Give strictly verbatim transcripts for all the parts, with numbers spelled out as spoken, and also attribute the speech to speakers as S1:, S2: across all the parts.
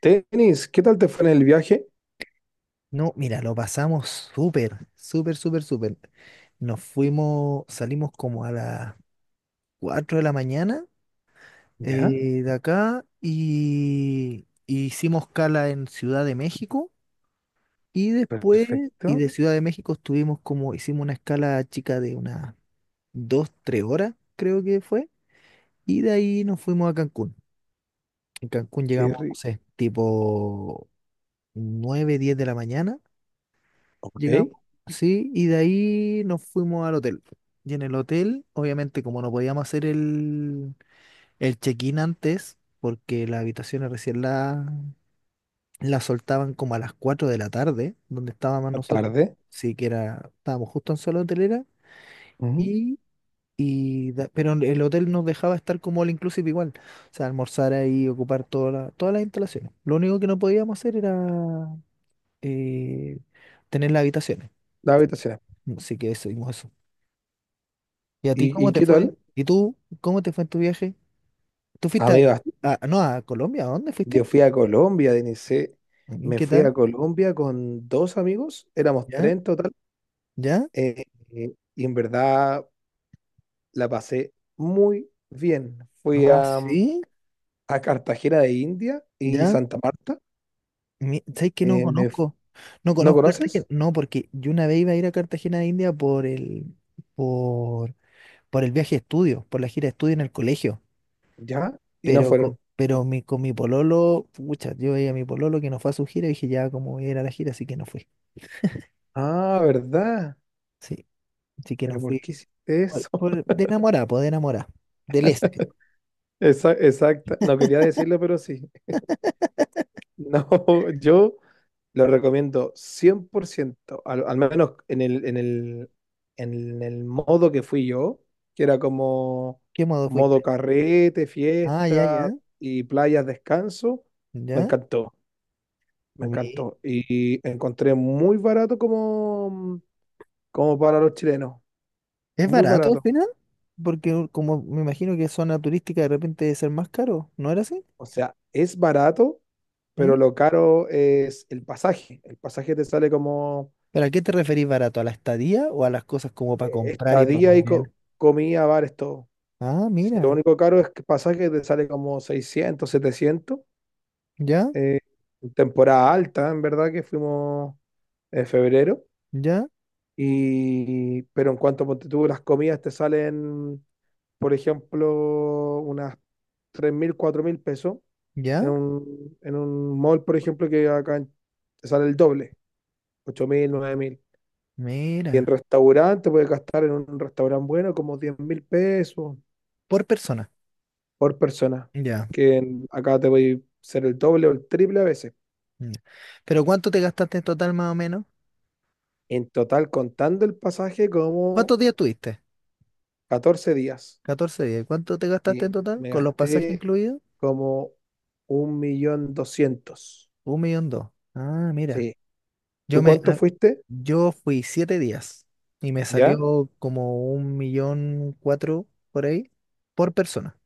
S1: Tenis, ¿qué tal te fue en el viaje?
S2: No, mira, lo pasamos súper, súper, súper, súper. Nos fuimos, salimos como a las cuatro de la mañana
S1: Ya,
S2: eh, de acá y, y hicimos escala en Ciudad de México y después, y
S1: perfecto.
S2: de Ciudad de México estuvimos como, hicimos una escala chica de unas dos, tres horas, creo que fue, y de ahí nos fuimos a Cancún. En Cancún
S1: Qué
S2: llegamos, no
S1: rico.
S2: sé, tipo nueve, diez de la mañana.
S1: Ok,
S2: Llegamos, sí, y de ahí nos fuimos al hotel. Y en el hotel, obviamente, como no podíamos hacer el, el check-in antes, porque las habitaciones recién la, la soltaban como a las cuatro de la tarde, donde estábamos
S1: la
S2: nosotros.
S1: tarde.
S2: Sí, que era, estábamos justo en zona hotelera,
S1: Ujú,
S2: y, y da- pero el hotel nos dejaba estar como all inclusive igual. O sea, almorzar ahí, ocupar toda la- todas las instalaciones. Lo único que no podíamos hacer era eh, tener las habitaciones.
S1: las habitaciones.
S2: Así que eso, ¿y a ti
S1: ¿Y,
S2: cómo
S1: y
S2: te
S1: qué tal?
S2: fue? ¿Y tú cómo te fue en tu viaje? ¿Tú fuiste a
S1: Amigas,
S2: Brasil? Ah, ¿no, a Colombia? ¿A dónde
S1: yo
S2: fuiste?
S1: fui a Colombia, Denise.
S2: Mm,
S1: Me
S2: ¿qué
S1: fui a
S2: tal?
S1: Colombia con dos amigos, éramos
S2: ¿Ya?
S1: tres en total.
S2: ¿Ya?
S1: eh, eh, y en verdad la pasé muy bien. Fui
S2: Ah,
S1: a,
S2: sí,
S1: a Cartagena de India y
S2: ya.
S1: Santa Marta.
S2: Mi- ¿Sabes que no
S1: eh, me f-
S2: conozco? No
S1: ¿No
S2: conozco Cartagena.
S1: conoces?
S2: No, porque yo una vez iba a ir a Cartagena de India por el, por, por el viaje de estudio, por la gira de estudio en el colegio.
S1: Ya, y no
S2: Pero, co-
S1: fueron.
S2: pero mi, con mi pololo, pucha, yo veía a mi pololo que no fue a su gira y dije, ya, como voy a ir a la gira, así que no fui.
S1: Ah, ¿verdad?
S2: Sí, así que no
S1: Pero ¿por
S2: fui.
S1: qué hiciste
S2: Por-
S1: eso?
S2: por- de enamorada, pues de enamorada. De lesa.
S1: Esa- exacta. No quería decirlo, pero sí. No, yo lo recomiendo cien por ciento al, al menos en el, en el, en el modo que fui yo, que era como
S2: ¿Qué modo
S1: modo
S2: fuiste?
S1: carrete,
S2: Ah, ya,
S1: fiesta
S2: ya,
S1: y playas descanso. Me
S2: ya.
S1: encantó, me
S2: Mi-
S1: encantó. Y encontré muy barato como, como para los chilenos.
S2: ¿Es
S1: Muy
S2: barato al
S1: barato.
S2: final? Porque como me imagino que zona turística de repente debe ser más caro, ¿no era así?
S1: O sea, es barato, pero
S2: ¿Mm?
S1: lo caro es el pasaje. El pasaje te sale como
S2: ¿Pero a qué te referís barato? ¿A la estadía o a las cosas como para comprar y para
S1: estadía y co-
S2: comer?
S1: comida, bares, todo.
S2: Ah,
S1: Si lo
S2: mira,
S1: único caro es que pasa que te sale como seiscientos setecientos
S2: ya,
S1: eh, en temporada alta, en verdad, que fuimos en febrero.
S2: ya,
S1: Y, pero en cuanto a ponte tú, las comidas te salen, por ejemplo, unas tres mil cuatro mil pesos. En
S2: ya,
S1: un, en un mall, por ejemplo, que acá en- te sale el doble, ocho mil nueve mil. Y en
S2: mira,
S1: restaurante puedes gastar en un restaurante bueno como diez mil pesos,
S2: por persona,
S1: por persona,
S2: ya.
S1: que en- acá te voy a ser el doble o el triple a veces.
S2: Mm. ¿Pero cuánto te gastaste en total más o menos?
S1: En total, contando el pasaje, como
S2: ¿Cuántos días tuviste?
S1: catorce días.
S2: Catorce días. ¿Cuánto te
S1: Sí,
S2: gastaste en total?
S1: me
S2: ¿Con los pasajes
S1: gasté
S2: incluidos?
S1: como un millón doscientos.
S2: Un millón dos. Ah, mira.
S1: Sí.
S2: Yo
S1: ¿Tú
S2: me,
S1: cuánto
S2: ah,
S1: fuiste?
S2: yo fui siete días y me
S1: ¿Ya?
S2: salió como un millón cuatro por ahí por persona.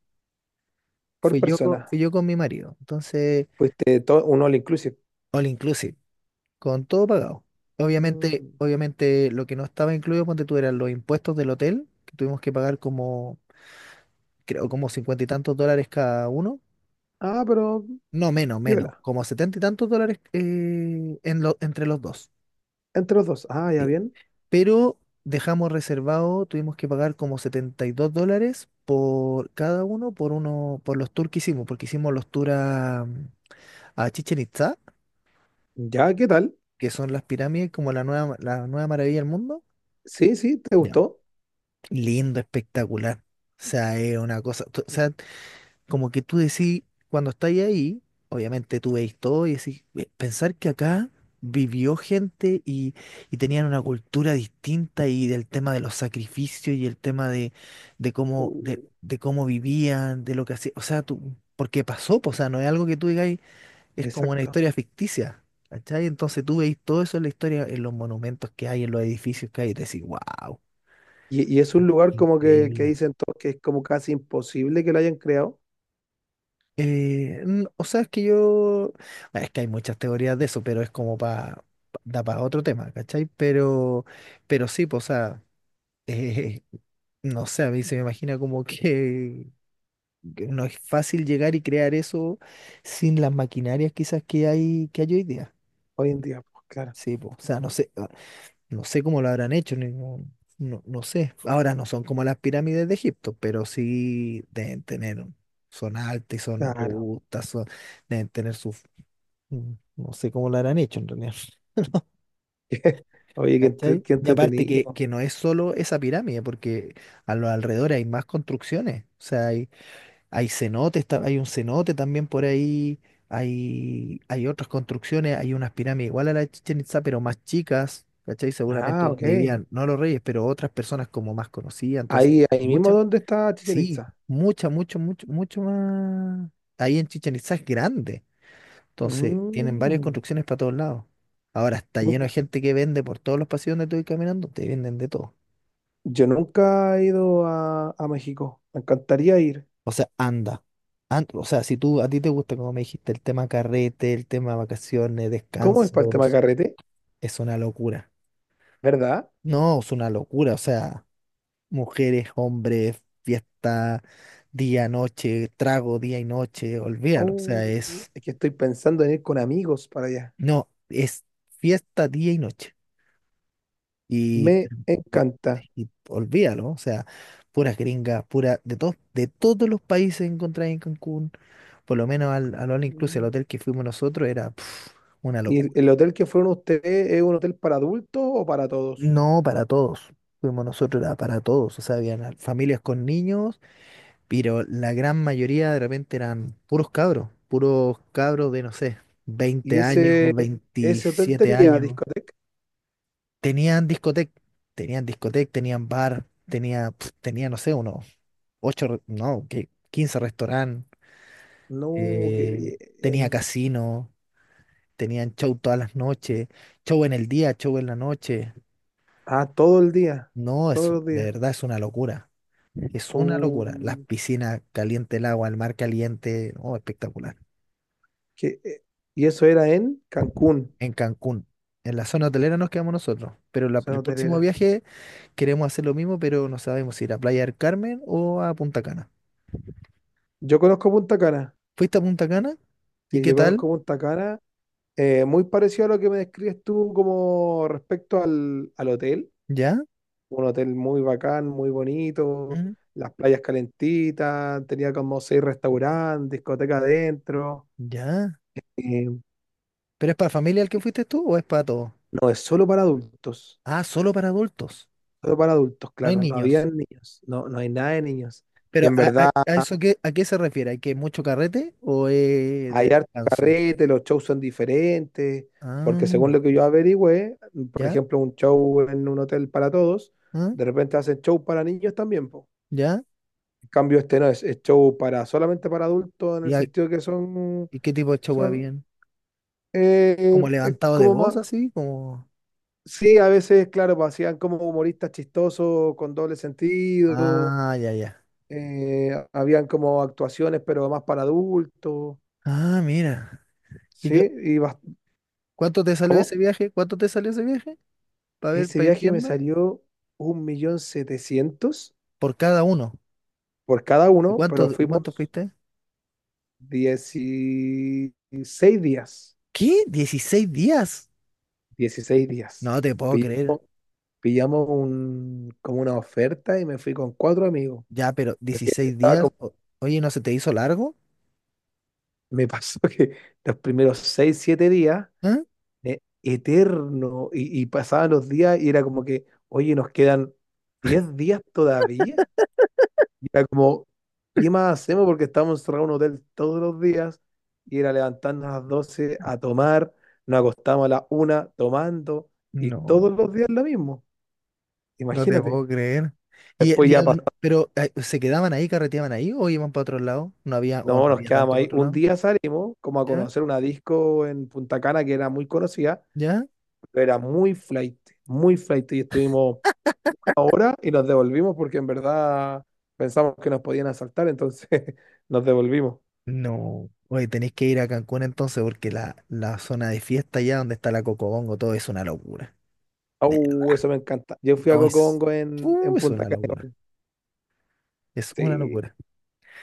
S1: Por
S2: Fui yo, co-
S1: persona.
S2: fui yo con mi marido. Entonces,
S1: Fuiste todo, un all inclusive.
S2: all inclusive, con todo pagado. Obviamente,
S1: Mm,
S2: obviamente lo que no estaba incluido, ponte tú, eran los impuestos del hotel, que tuvimos que pagar como, creo, como cincuenta y tantos dólares cada uno.
S1: ah, pero
S2: No, menos, menos,
S1: piola.
S2: como setenta y tantos dólares eh, en lo- entre los dos.
S1: Entre los dos. Ah, ya
S2: Sí,
S1: bien.
S2: pero dejamos reservado, tuvimos que pagar como setenta y dos dólares por cada uno, por uno, por los tours que hicimos, porque hicimos los tours a, a Chichen Itzá,
S1: ¿Ya qué tal?
S2: que son las pirámides, como la nueva, la nueva maravilla del mundo.
S1: Sí, sí, ¿te
S2: Ya.
S1: gustó?
S2: Lindo, espectacular. O sea, es una cosa, tú- o sea, como que tú decís, cuando estáis ahí, obviamente tú veis todo y decís, "Eh, pensar que acá vivió gente y, y tenían una cultura distinta y del tema de los sacrificios y el tema de, de cómo, de,
S1: Uh,
S2: de cómo vivían, de lo que hacían, o sea, tú, porque pasó, po, o sea, no es algo que tú digáis, es como una
S1: exacto.
S2: historia ficticia. ¿Cachai? Entonces tú veis todo eso en la historia, en los monumentos que hay, en los edificios que hay, y te decís, wow,
S1: Y, y es un lugar como que, que
S2: increíble.
S1: dicen todos que es como casi imposible que lo hayan creado
S2: Eh, n- o sea, es que yo. Bueno, es que hay muchas teorías de eso, pero es como para. Da para otro tema, ¿cachai? Pero, pero sí, pues, o sea, eh, no sé, a mí se me imagina como que, que no es fácil llegar y crear eso sin las maquinarias quizás que hay, que hay hoy día.
S1: hoy en día. Pues claro,
S2: Sí, pues, o sea, no sé, ah, no sé cómo lo habrán hecho, ni- no, no, no sé. Ahora no son como las pirámides de Egipto, pero sí deben tener, un- son altas y son
S1: claro.
S2: robustas, son- deben tener sus Mm, no sé cómo lo habrán hecho en realidad.
S1: Oye, qué, entre-
S2: ¿Cachai?
S1: qué
S2: Y aparte que,
S1: entretenido.
S2: que no es solo esa pirámide, porque a los alrededores hay más construcciones. O sea, hay, hay cenotes, ta- hay un cenote también por ahí, hay, hay otras construcciones, hay unas pirámides igual a la de Chichén Itzá, pero más chicas, ¿cachai? Seguramente
S1: Ah, ok.
S2: donde vivían, no los reyes, pero otras personas como más conocidas. Entonces,
S1: Ahí,
S2: hay
S1: ahí mismo,
S2: muchas,
S1: ¿dónde está Chichen
S2: sí,
S1: Itza?
S2: mucha, mucho, mucho, mucho más. Ahí en Chichén Itzá es grande. Entonces, tienen varias
S1: Mm.
S2: construcciones para todos lados. Ahora está
S1: Nu-
S2: lleno de gente que vende por todos los pasillos donde tú vas caminando, te venden de todo.
S1: Yo nunca he ido a, a México. Me encantaría ir.
S2: O sea, anda. An- o sea, si tú a ti te gusta, como me dijiste, el tema carrete, el tema vacaciones,
S1: ¿Cómo es para el tema de
S2: descansos,
S1: carrete?
S2: es una locura.
S1: ¿Verdad?
S2: No, es una locura. O sea, mujeres, hombres, fiesta, día, noche, trago, día y noche, olvídalo. O
S1: Oh,
S2: sea, es,
S1: es que estoy pensando en ir con amigos para allá.
S2: no, es fiesta, día y noche. Y
S1: Me encanta.
S2: y olvídalo, o sea, puras gringas, pura, de todos, de todos los países encontradas en Cancún, por lo menos al, al All Inclusive, el
S1: Mm.
S2: hotel que fuimos nosotros, era pf, una
S1: ¿Y
S2: locura.
S1: el, el hotel que fueron ustedes es un hotel para adultos o para todos?
S2: No, para todos, fuimos nosotros, era para todos, o sea, habían a- familias con niños, pero la gran mayoría de repente eran puros cabros, puros cabros de, no sé,
S1: Y
S2: veinte años,
S1: ese, ese hotel
S2: veintisiete
S1: tenía
S2: años,
S1: discoteca.
S2: tenían discoteca, tenían discoteca, tenían bar, tenía, pf, tenía, no sé, uno. Ocho, re- no, que quince restaurantes,
S1: No, qué
S2: eh, tenía
S1: bien.
S2: casino, tenían show todas las noches, show en el día, show en la noche.
S1: Ah, todo el día,
S2: No,
S1: todos
S2: es,
S1: los
S2: de
S1: días.
S2: verdad es una locura, es una locura. Las
S1: Uh,
S2: piscinas, caliente el agua, el mar caliente, oh, espectacular.
S1: qué- eh, y eso era en Cancún,
S2: En Cancún, en la zona hotelera nos quedamos nosotros, pero la-
S1: zona
S2: el próximo
S1: hotelera.
S2: viaje queremos hacer lo mismo, pero no sabemos si ir a Playa del Carmen o a Punta Cana.
S1: Yo conozco Punta Cana.
S2: ¿Fuiste a Punta Cana? ¿Y
S1: Sí,
S2: qué
S1: yo
S2: tal?
S1: conozco Punta Cana. Eh, muy parecido a lo que me describes tú como respecto al, al hotel.
S2: ¿Ya?
S1: Un hotel muy bacán, muy bonito.
S2: Mm,
S1: Las playas calentitas. Tenía como seis restaurantes, discoteca adentro.
S2: ¿ya?
S1: Eh,
S2: ¿Pero es para familia el que fuiste tú o es para todos?
S1: no es solo para adultos.
S2: Ah, solo para adultos,
S1: Solo para adultos,
S2: no hay Claro.
S1: claro. No había
S2: niños.
S1: niños. No, no hay nada de niños. Y
S2: Pero
S1: en
S2: ¿a, a-
S1: verdad
S2: a eso qué, a qué se refiere? ¿Hay que mucho carrete o es de
S1: hay harto
S2: descanso?
S1: carrete, los shows son diferentes, porque según
S2: Ah,
S1: lo que yo averigüé, por
S2: ya,
S1: ejemplo, un show en un hotel para todos,
S2: ah,
S1: de repente hacen show para niños también, po.
S2: ya.
S1: En cambio, este no es, es show para solamente para adultos, en
S2: ¿Y,
S1: el
S2: hay-
S1: sentido que son,
S2: y qué tipo de show
S1: son
S2: bien?
S1: eh,
S2: ¿Como
S1: eh,
S2: levantado de
S1: como más.
S2: voz así? Como...
S1: Sí, a veces, claro, pues, hacían como humoristas chistosos, con doble sentido,
S2: Ah, ya, ya.
S1: eh, habían como actuaciones, pero más para adultos,
S2: Ah, mira. ¿Y
S1: ¿sí?
S2: qué-
S1: Y bas-
S2: ¿cuánto te salió ese
S1: ¿Cómo?
S2: viaje? ¿Cuánto te salió ese viaje? Para ver,
S1: Ese
S2: para ir
S1: viaje me
S2: viendo.
S1: salió un millón setecientos
S2: Por cada uno.
S1: por cada
S2: ¿Y
S1: uno,
S2: cuánto,
S1: pero
S2: y cuánto
S1: fuimos
S2: fuiste?
S1: dieciséis días,
S2: ¿Qué? ¿Dieciséis días?
S1: dieciséis días.
S2: No te puedo
S1: Pi-
S2: creer.
S1: Pillamos un, como una oferta y me fui con cuatro amigos,
S2: Ya, pero
S1: porque
S2: dieciséis
S1: estaba
S2: días?
S1: como-
S2: O- Oye, ¿no se te hizo largo?
S1: me pasó que los primeros seis siete días
S2: ¿Ah?
S1: e- eterno y, y pasaban los días y era como que, oye, nos quedan diez días todavía. Y era como, ¿qué más hacemos? Porque estamos encerrados en un hotel todos los días y era levantarnos a las doce a tomar, nos acostamos a las una tomando y
S2: No,
S1: todos los días lo mismo,
S2: no te
S1: imagínate.
S2: puedo creer. Y,
S1: Después
S2: y a
S1: ya
S2: la
S1: pasó,
S2: no- pero eh, se quedaban ahí, carreteaban ahí o iban para otro lado. No había, o
S1: no,
S2: no
S1: nos
S2: había
S1: quedamos
S2: tanto para
S1: ahí.
S2: otro
S1: Un
S2: lado.
S1: día salimos como a
S2: ¿Ya?
S1: conocer una disco en Punta Cana que era muy conocida,
S2: ¿Ya?
S1: pero era muy flight, muy flight y estuvimos ahora y nos devolvimos porque en verdad pensamos que nos podían asaltar, entonces nos devolvimos.
S2: No. Oye, tenéis que ir a Cancún entonces porque la, la zona de fiesta allá, donde está la Cocobongo, todo es una locura. Ne-
S1: Oh, eso me encanta. Yo fui a
S2: No es.
S1: Cocongo en,
S2: Uh,
S1: en
S2: es
S1: Punta
S2: una
S1: Cana.
S2: locura. Es una
S1: Sí,
S2: locura.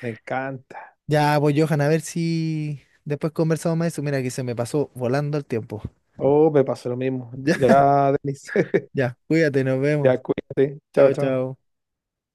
S1: me encanta.
S2: Ya, pues Johan, a ver si después conversamos más de eso. Mira que se me pasó volando el tiempo.
S1: Oh, me pasó lo mismo.
S2: Ya,
S1: Ya, Denise.
S2: ya, cuídate, nos vemos.
S1: Ya, cuídate. Chao,
S2: Chao,
S1: chao.
S2: chao.